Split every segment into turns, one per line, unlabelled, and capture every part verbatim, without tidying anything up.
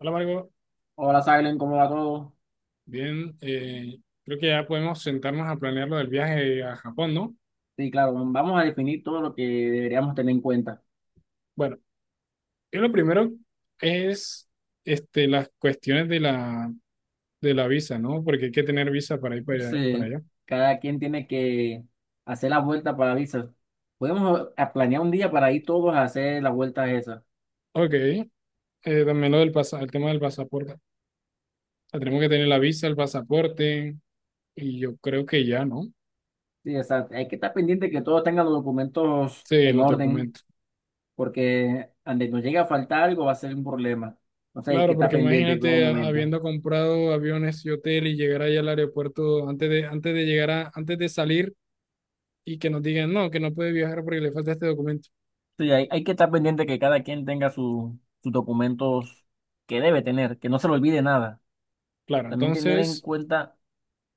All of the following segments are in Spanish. Hola, Margot.
Hola, Silen, ¿cómo va todo?
Bien, eh, creo que ya podemos sentarnos a planear lo del viaje a Japón, ¿no?
Sí, claro, vamos a definir todo lo que deberíamos tener en cuenta.
Bueno, yo lo primero es este, las cuestiones de la, de la visa, ¿no? Porque hay que tener visa para ir para, allá. para
Entonces,
allá.
cada quien tiene que hacer la vuelta para visas. Podemos a- a planear un día para ir todos a hacer las vueltas esas.
Ok, eh, también lo del pasa- el tema del pasaporte. O sea, tenemos que tener la visa, el pasaporte y yo creo que ya, ¿no?
Sí, o sea, hay que estar pendiente que todos tengan los documentos
Sí,
en
los
orden,
documentos.
porque donde nos llegue a faltar algo va a ser un problema. Entonces, hay que
Claro,
estar
porque
pendiente en todo
imagínate a-
momento.
habiendo comprado aviones y hotel y llegar allá al aeropuerto antes de, antes de llegar a, antes de salir y que nos digan, no, que no puede viajar porque le falta este documento.
Sí, hay, hay que estar pendiente que cada quien tenga su- sus documentos que debe tener, que no se le olvide nada.
Claro,
También tener en
entonces,
cuenta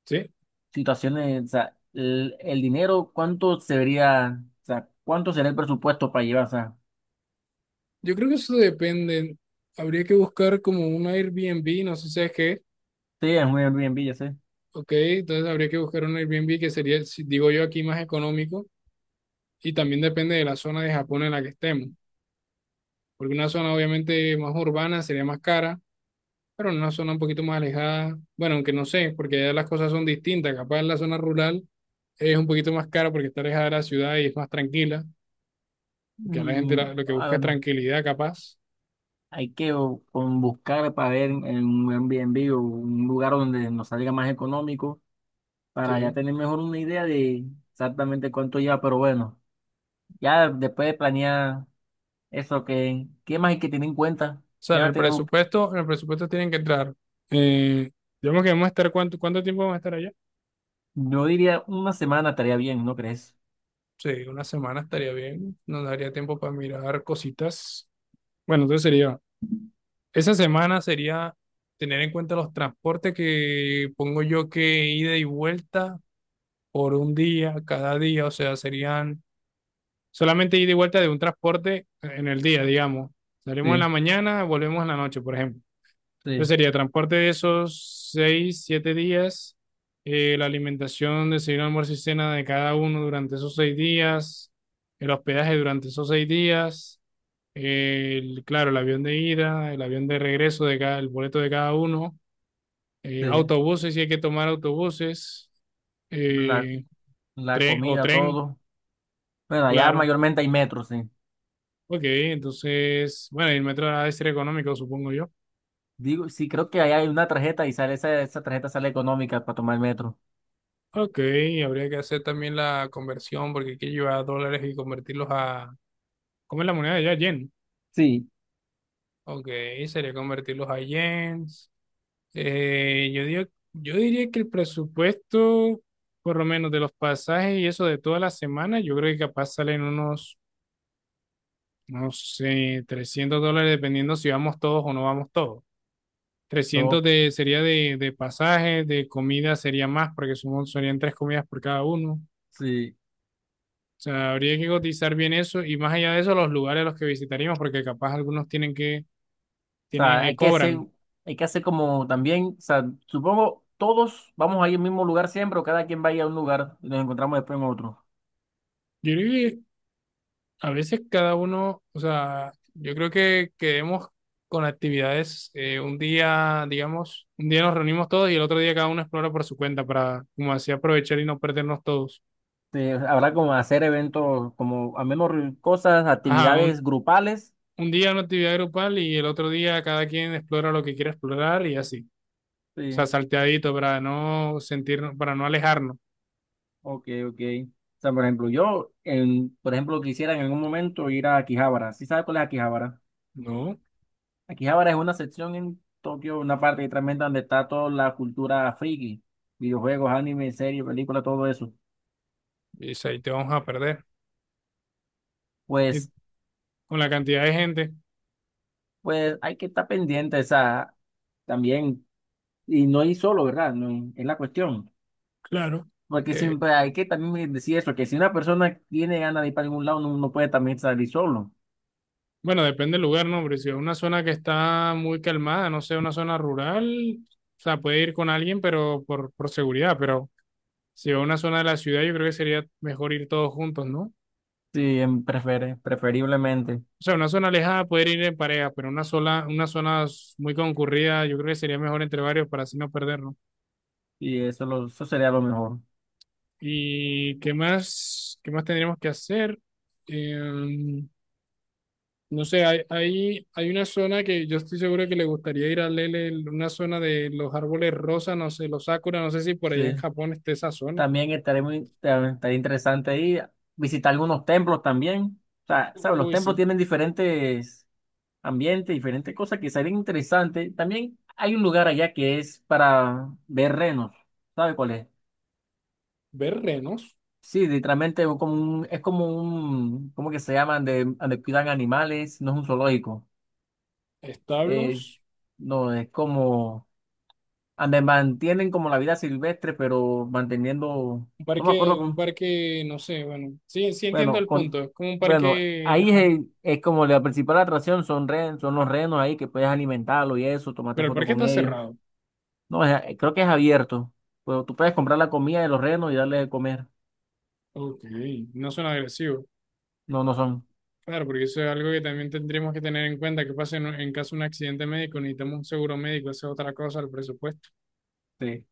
sí,
situaciones, o sea, el, el dinero, ¿cuánto se vería, o sea, cuánto sería el presupuesto para llevar? O sea,
yo creo que eso depende. Habría que buscar como un Airbnb, no sé si es que,
sí, es un Airbnb, ya sé.
ok, entonces habría que buscar un Airbnb que sería, si- digo yo, aquí más económico y también depende de la zona de Japón en la que estemos, porque una zona obviamente más urbana sería más cara, pero en una zona un poquito más alejada, bueno, aunque no sé, porque allá las cosas son distintas, capaz en la zona rural es un poquito más cara porque está alejada de la ciudad y es más tranquila, porque a la gente
Mm,
la- lo que
a
busca
ver,
es
no,
tranquilidad capaz.
hay que o, con buscar para ver en un Airbnb o un lugar donde nos salga más económico
Sí.
para
O
ya tener mejor una idea de exactamente cuánto lleva, pero bueno, ya después de planear eso, que ¿qué más hay que tener en cuenta?
sea, en
Ya
el
tenemos,
presupuesto, en el presupuesto tienen que entrar. Eh, digamos que vamos a estar, ¿cuánto, cuánto tiempo vamos a estar allá?
yo diría una semana estaría bien, ¿no crees?
Sí, una semana estaría bien. Nos daría tiempo para mirar cositas. Bueno, entonces sería, esa semana sería tener en cuenta los transportes que pongo yo que ida y vuelta por un día, cada día. O sea, serían solamente ida y vuelta de un transporte en el día, digamos. Salimos en
Sí,
la mañana, volvemos en la noche, por ejemplo. Entonces
sí,
sería transporte de esos seis, siete días, eh, la alimentación, desayuno, almuerzo y cena de cada uno durante esos seis días, el hospedaje durante esos seis días, el, claro, el avión de ida, el avión de regreso de cada, el boleto de cada uno, eh,
sí.
autobuses, si hay que tomar autobuses, eh,
La
tren o
comida,
tren,
todo. Bueno, allá
claro.
mayormente hay metro, sí.
Ok, entonces, bueno, y el metro ha de ser económico, supongo yo.
Digo, sí, creo que allá hay una tarjeta y sale esa, esa tarjeta sale económica para tomar el metro.
Ok, habría que hacer también la conversión porque hay que llevar dólares y convertirlos a. ¿Cómo es la moneda de allá? Yen.
Sí.
Ok, sería convertirlos a yens. Eh, yo digo, yo diría que el presupuesto, por lo menos de los pasajes y eso de toda la semana, yo creo que capaz salen unos, no sé, trescientos dólares dependiendo si vamos todos o no vamos todos. Trescientos
Pero
de, sería de, de pasajes, de comida sería más porque somos, serían tres comidas por cada uno.
sí,
O sea, habría que cotizar bien eso y más allá de eso, los lugares a los que visitaríamos, porque capaz algunos tienen que,
o
tienen,
sea,
eh,
hay que hacer,
cobran.
hay que hacer como también, o sea, supongo todos vamos a ir al mismo lugar siempre, o cada quien va a ir a un lugar y nos encontramos después en otro.
Yo creo que a veces cada uno, o sea, yo creo que quedemos con actividades, eh, un día, digamos, un día nos reunimos todos y el otro día cada uno explora por su cuenta para, como así, aprovechar y no perdernos todos.
Sí, habrá como hacer eventos, como al menos re- cosas,
Ajá,
actividades
un,
grupales.
un día una actividad grupal y el otro día cada quien explora lo que quiere explorar y así. O sea,
Sí,
salteadito para no sentirnos, para no alejarnos.
ok, ok. O sea, por ejemplo, yo, en, por ejemplo, quisiera en algún momento ir a Akihabara. ¿Sí sabes cuál es Akihabara?
No,
Aquí ahora es una sección en Tokio, una parte que tremenda donde está toda la cultura friki, videojuegos, anime, series, películas, todo eso.
y ahí te vamos a perder. Y
Pues,
con la cantidad de gente,
pues hay que estar pendiente esa también, y no hay solo, ¿verdad? No hay... es la cuestión.
claro.
Porque
que,
siempre hay que también decir eso, que si una persona tiene ganas de ir para algún lado, no, no puede también salir solo.
bueno, depende del lugar, ¿no? Pero si es una zona que está muy calmada, no sé, una zona rural, o sea, puede ir con alguien, pero por, por seguridad, pero si es una zona de la ciudad, yo creo que sería mejor ir todos juntos, ¿no?
Sí, em, prefere, preferiblemente.
O sea, una zona alejada poder ir en pareja, pero una sola, una zona muy concurrida, yo creo que sería mejor entre varios para así no perdernos.
Y eso, lo, eso sería lo mejor.
¿Y qué más, qué más tendríamos que hacer? Eh, No sé, hay, hay, hay una zona que yo estoy seguro que le gustaría ir a Lele, el- una zona de los árboles rosas, no sé, los sakura, no sé si por allá en
Sí.
Japón esté esa zona.
También estaría muy ta- estaría interesante ahí visitar algunos templos también. O sea, ¿sabes? Los
Uy,
templos
sí.
tienen diferentes ambientes, diferentes cosas que serían interesantes. También hay un lugar allá que es para ver renos. ¿Sabe cuál es?
Ver renos,
Sí, literalmente es como un, es como un, ¿cómo que se llaman? De, donde cuidan animales, no es un zoológico. Es,
establos,
no, es como, donde mantienen como la vida silvestre, pero manteniendo,
un
no me
parque, un
acuerdo.
parque, no sé, bueno, sí, sí entiendo
Bueno,
el
con,
punto, es como un
bueno,
parque,
ahí
ajá,
es, es como la principal atracción son, ren- son los renos ahí que puedes alimentarlo y eso, tomarte
pero el
foto
parque
con
está
ellos.
cerrado.
No, es- creo que es abierto. Pero tú puedes comprar la comida de los renos y darle de comer.
Ok, no suena agresivo.
No, no son.
Claro, porque eso es algo que también tendríamos que tener en cuenta, que pasa en, en caso de un accidente médico, necesitamos un seguro médico, esa es otra cosa, el presupuesto.
Sí,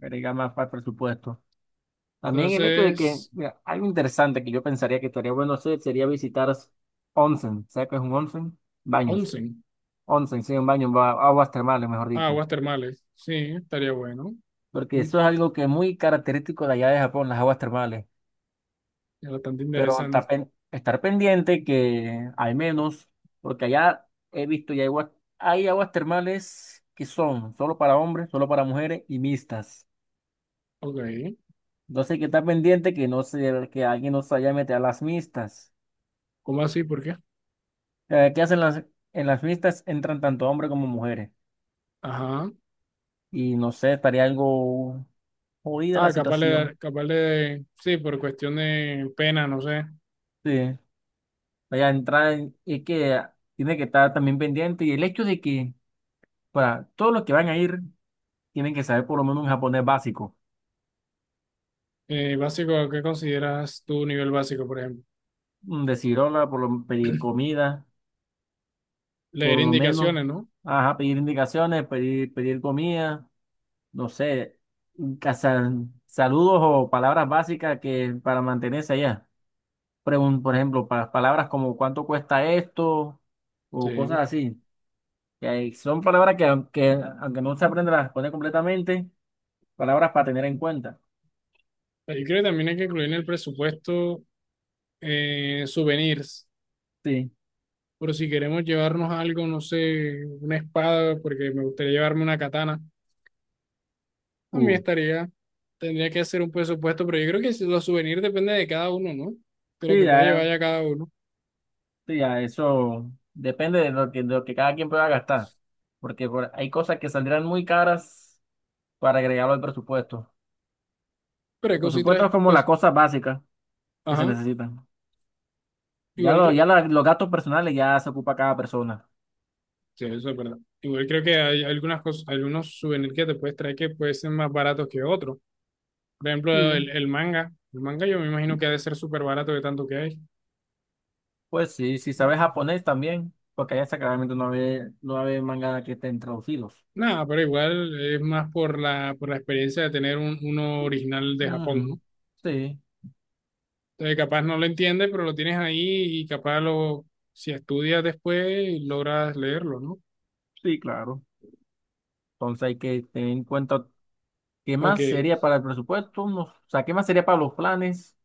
agrega más para el presupuesto. También el hecho de que,
Entonces,
mira, algo interesante que yo pensaría que estaría bueno hacer sería visitar onsen. ¿Sabes qué es un onsen? Baños.
onsen.
Onsen, sí, un baño, ba- aguas termales, mejor
Ah,
dicho.
aguas termales. Sí, estaría bueno.
Porque
Mm,
eso es algo que es muy característico de allá de Japón, las aguas termales.
Es bastante
Pero
interesante.
estar, pen- estar pendiente que al menos, porque allá he visto y hay aguas, hay aguas termales que son solo para hombres, solo para mujeres y mixtas.
Ok.
Entonces hay que estar pendiente que no se, que alguien no se vaya a meter a las mixtas.
¿Cómo así? ¿Por qué?
Eh, ¿Qué hacen las, en las mixtas? Entran tanto hombres como mujeres.
Ajá.
Y no sé, estaría algo jodida la
Ah, capaz
situación.
de, capaz de, sí, por cuestión de pena, no sé.
Sí. Vaya a entrar en- es que tiene que estar también pendiente. Y el hecho de que para todos los que van a ir tienen que saber por lo menos un japonés básico.
Eh, básico, ¿qué consideras tu nivel básico, por ejemplo?
mm, de cirola, por lo- pedir comida, por
Leer
lo menos,
indicaciones, ¿no?
ajá, pedir indicaciones, pedir, pedir comida, no sé, casa- saludos o palabras básicas que para mantenerse allá. Pregun- por ejemplo, pa- palabras como cuánto cuesta esto o cosas
Sí.
así. Que hay- son palabras que aunque, aunque no se aprende a responder completamente, palabras para tener en cuenta.
Yo creo que también hay que incluir en el presupuesto eh, souvenirs.
Sí.
Por si queremos llevarnos algo, no sé, una espada, porque me gustaría llevarme una katana. A mí
Uh,
estaría, tendría que hacer un presupuesto, pero yo creo que si los souvenirs depende de cada uno, ¿no? De lo
sí,
que puede llevar
ya.
ya cada uno.
Sí, ya, eso depende de lo que, de lo que cada quien pueda gastar, porque por- hay cosas que saldrán muy caras para agregarlo al presupuesto.
Pero hay
El presupuesto
cositas,
es como la
cos-
cosa básica que se
ajá,
necesitan. Ya,
igual
lo,
creo,
ya la- los gastos personales ya se ocupa cada persona.
sí, eso es verdad. Igual creo que hay algunas cosas, algunos souvenirs que te puedes traer que pueden ser más baratos que otros. Por ejemplo,
Sí.
el, el manga. El manga yo me imagino que ha de ser súper barato de tanto que hay.
Pues sí, si sabes japonés también, porque allá claramente no hay, no hay manga que estén traducidos.
Nada, pero igual es más por la, por la experiencia de tener un, uno original de Japón,
Ujú.
¿no?
Sí,
Entonces, capaz no lo entiendes, pero lo tienes ahí y capaz lo, si estudias después, logras leerlo, ¿no?
sí, claro. Entonces hay que tener en cuenta qué
Ok,
más sería para el presupuesto, no- o sea, qué más sería para los planes.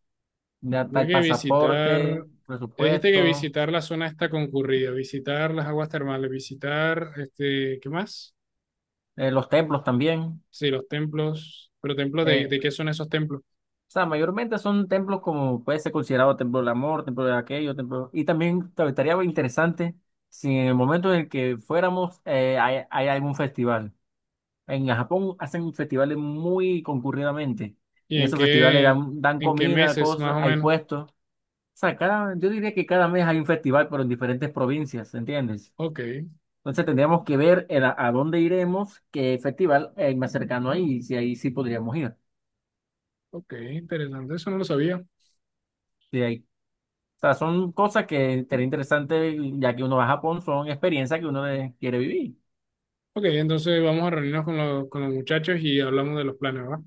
Ya está
creo
el
que
pasaporte,
visitar, dijiste que
presupuesto,
visitar la zona está concurrida, visitar las aguas termales, visitar, este, ¿qué más?
eh, los templos también.
Sí, los templos, pero templos de,
Eh,
de qué son esos templos
o sea, mayormente son templos como puede ser considerado templo del amor, templo de aquello, templo... Y también tal- estaría interesante si en el momento en el que fuéramos eh, hay, hay algún festival. En Japón hacen festivales muy concurridamente.
y
En
en
esos festivales
qué,
dan, dan
en qué
comida,
meses más
cosas,
o
hay
menos.
puestos. O sea, cada, yo diría que cada mes hay un festival, pero en diferentes provincias, ¿entiendes?
Ok,
Entonces tendríamos que ver el a, a dónde iremos, qué festival hay más cercano ahí, y si ahí sí podríamos ir.
ok, interesante, eso no lo sabía.
Si hay- O sea, son cosas que sería interesante, ya que uno va a Japón, son experiencias que uno eh, quiere vivir.
Ok, entonces vamos a reunirnos con los, con los muchachos y hablamos de los planes, ¿va?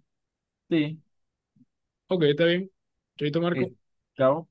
Sí,
Ok, está bien. Chaito, Marco.
eh, claro.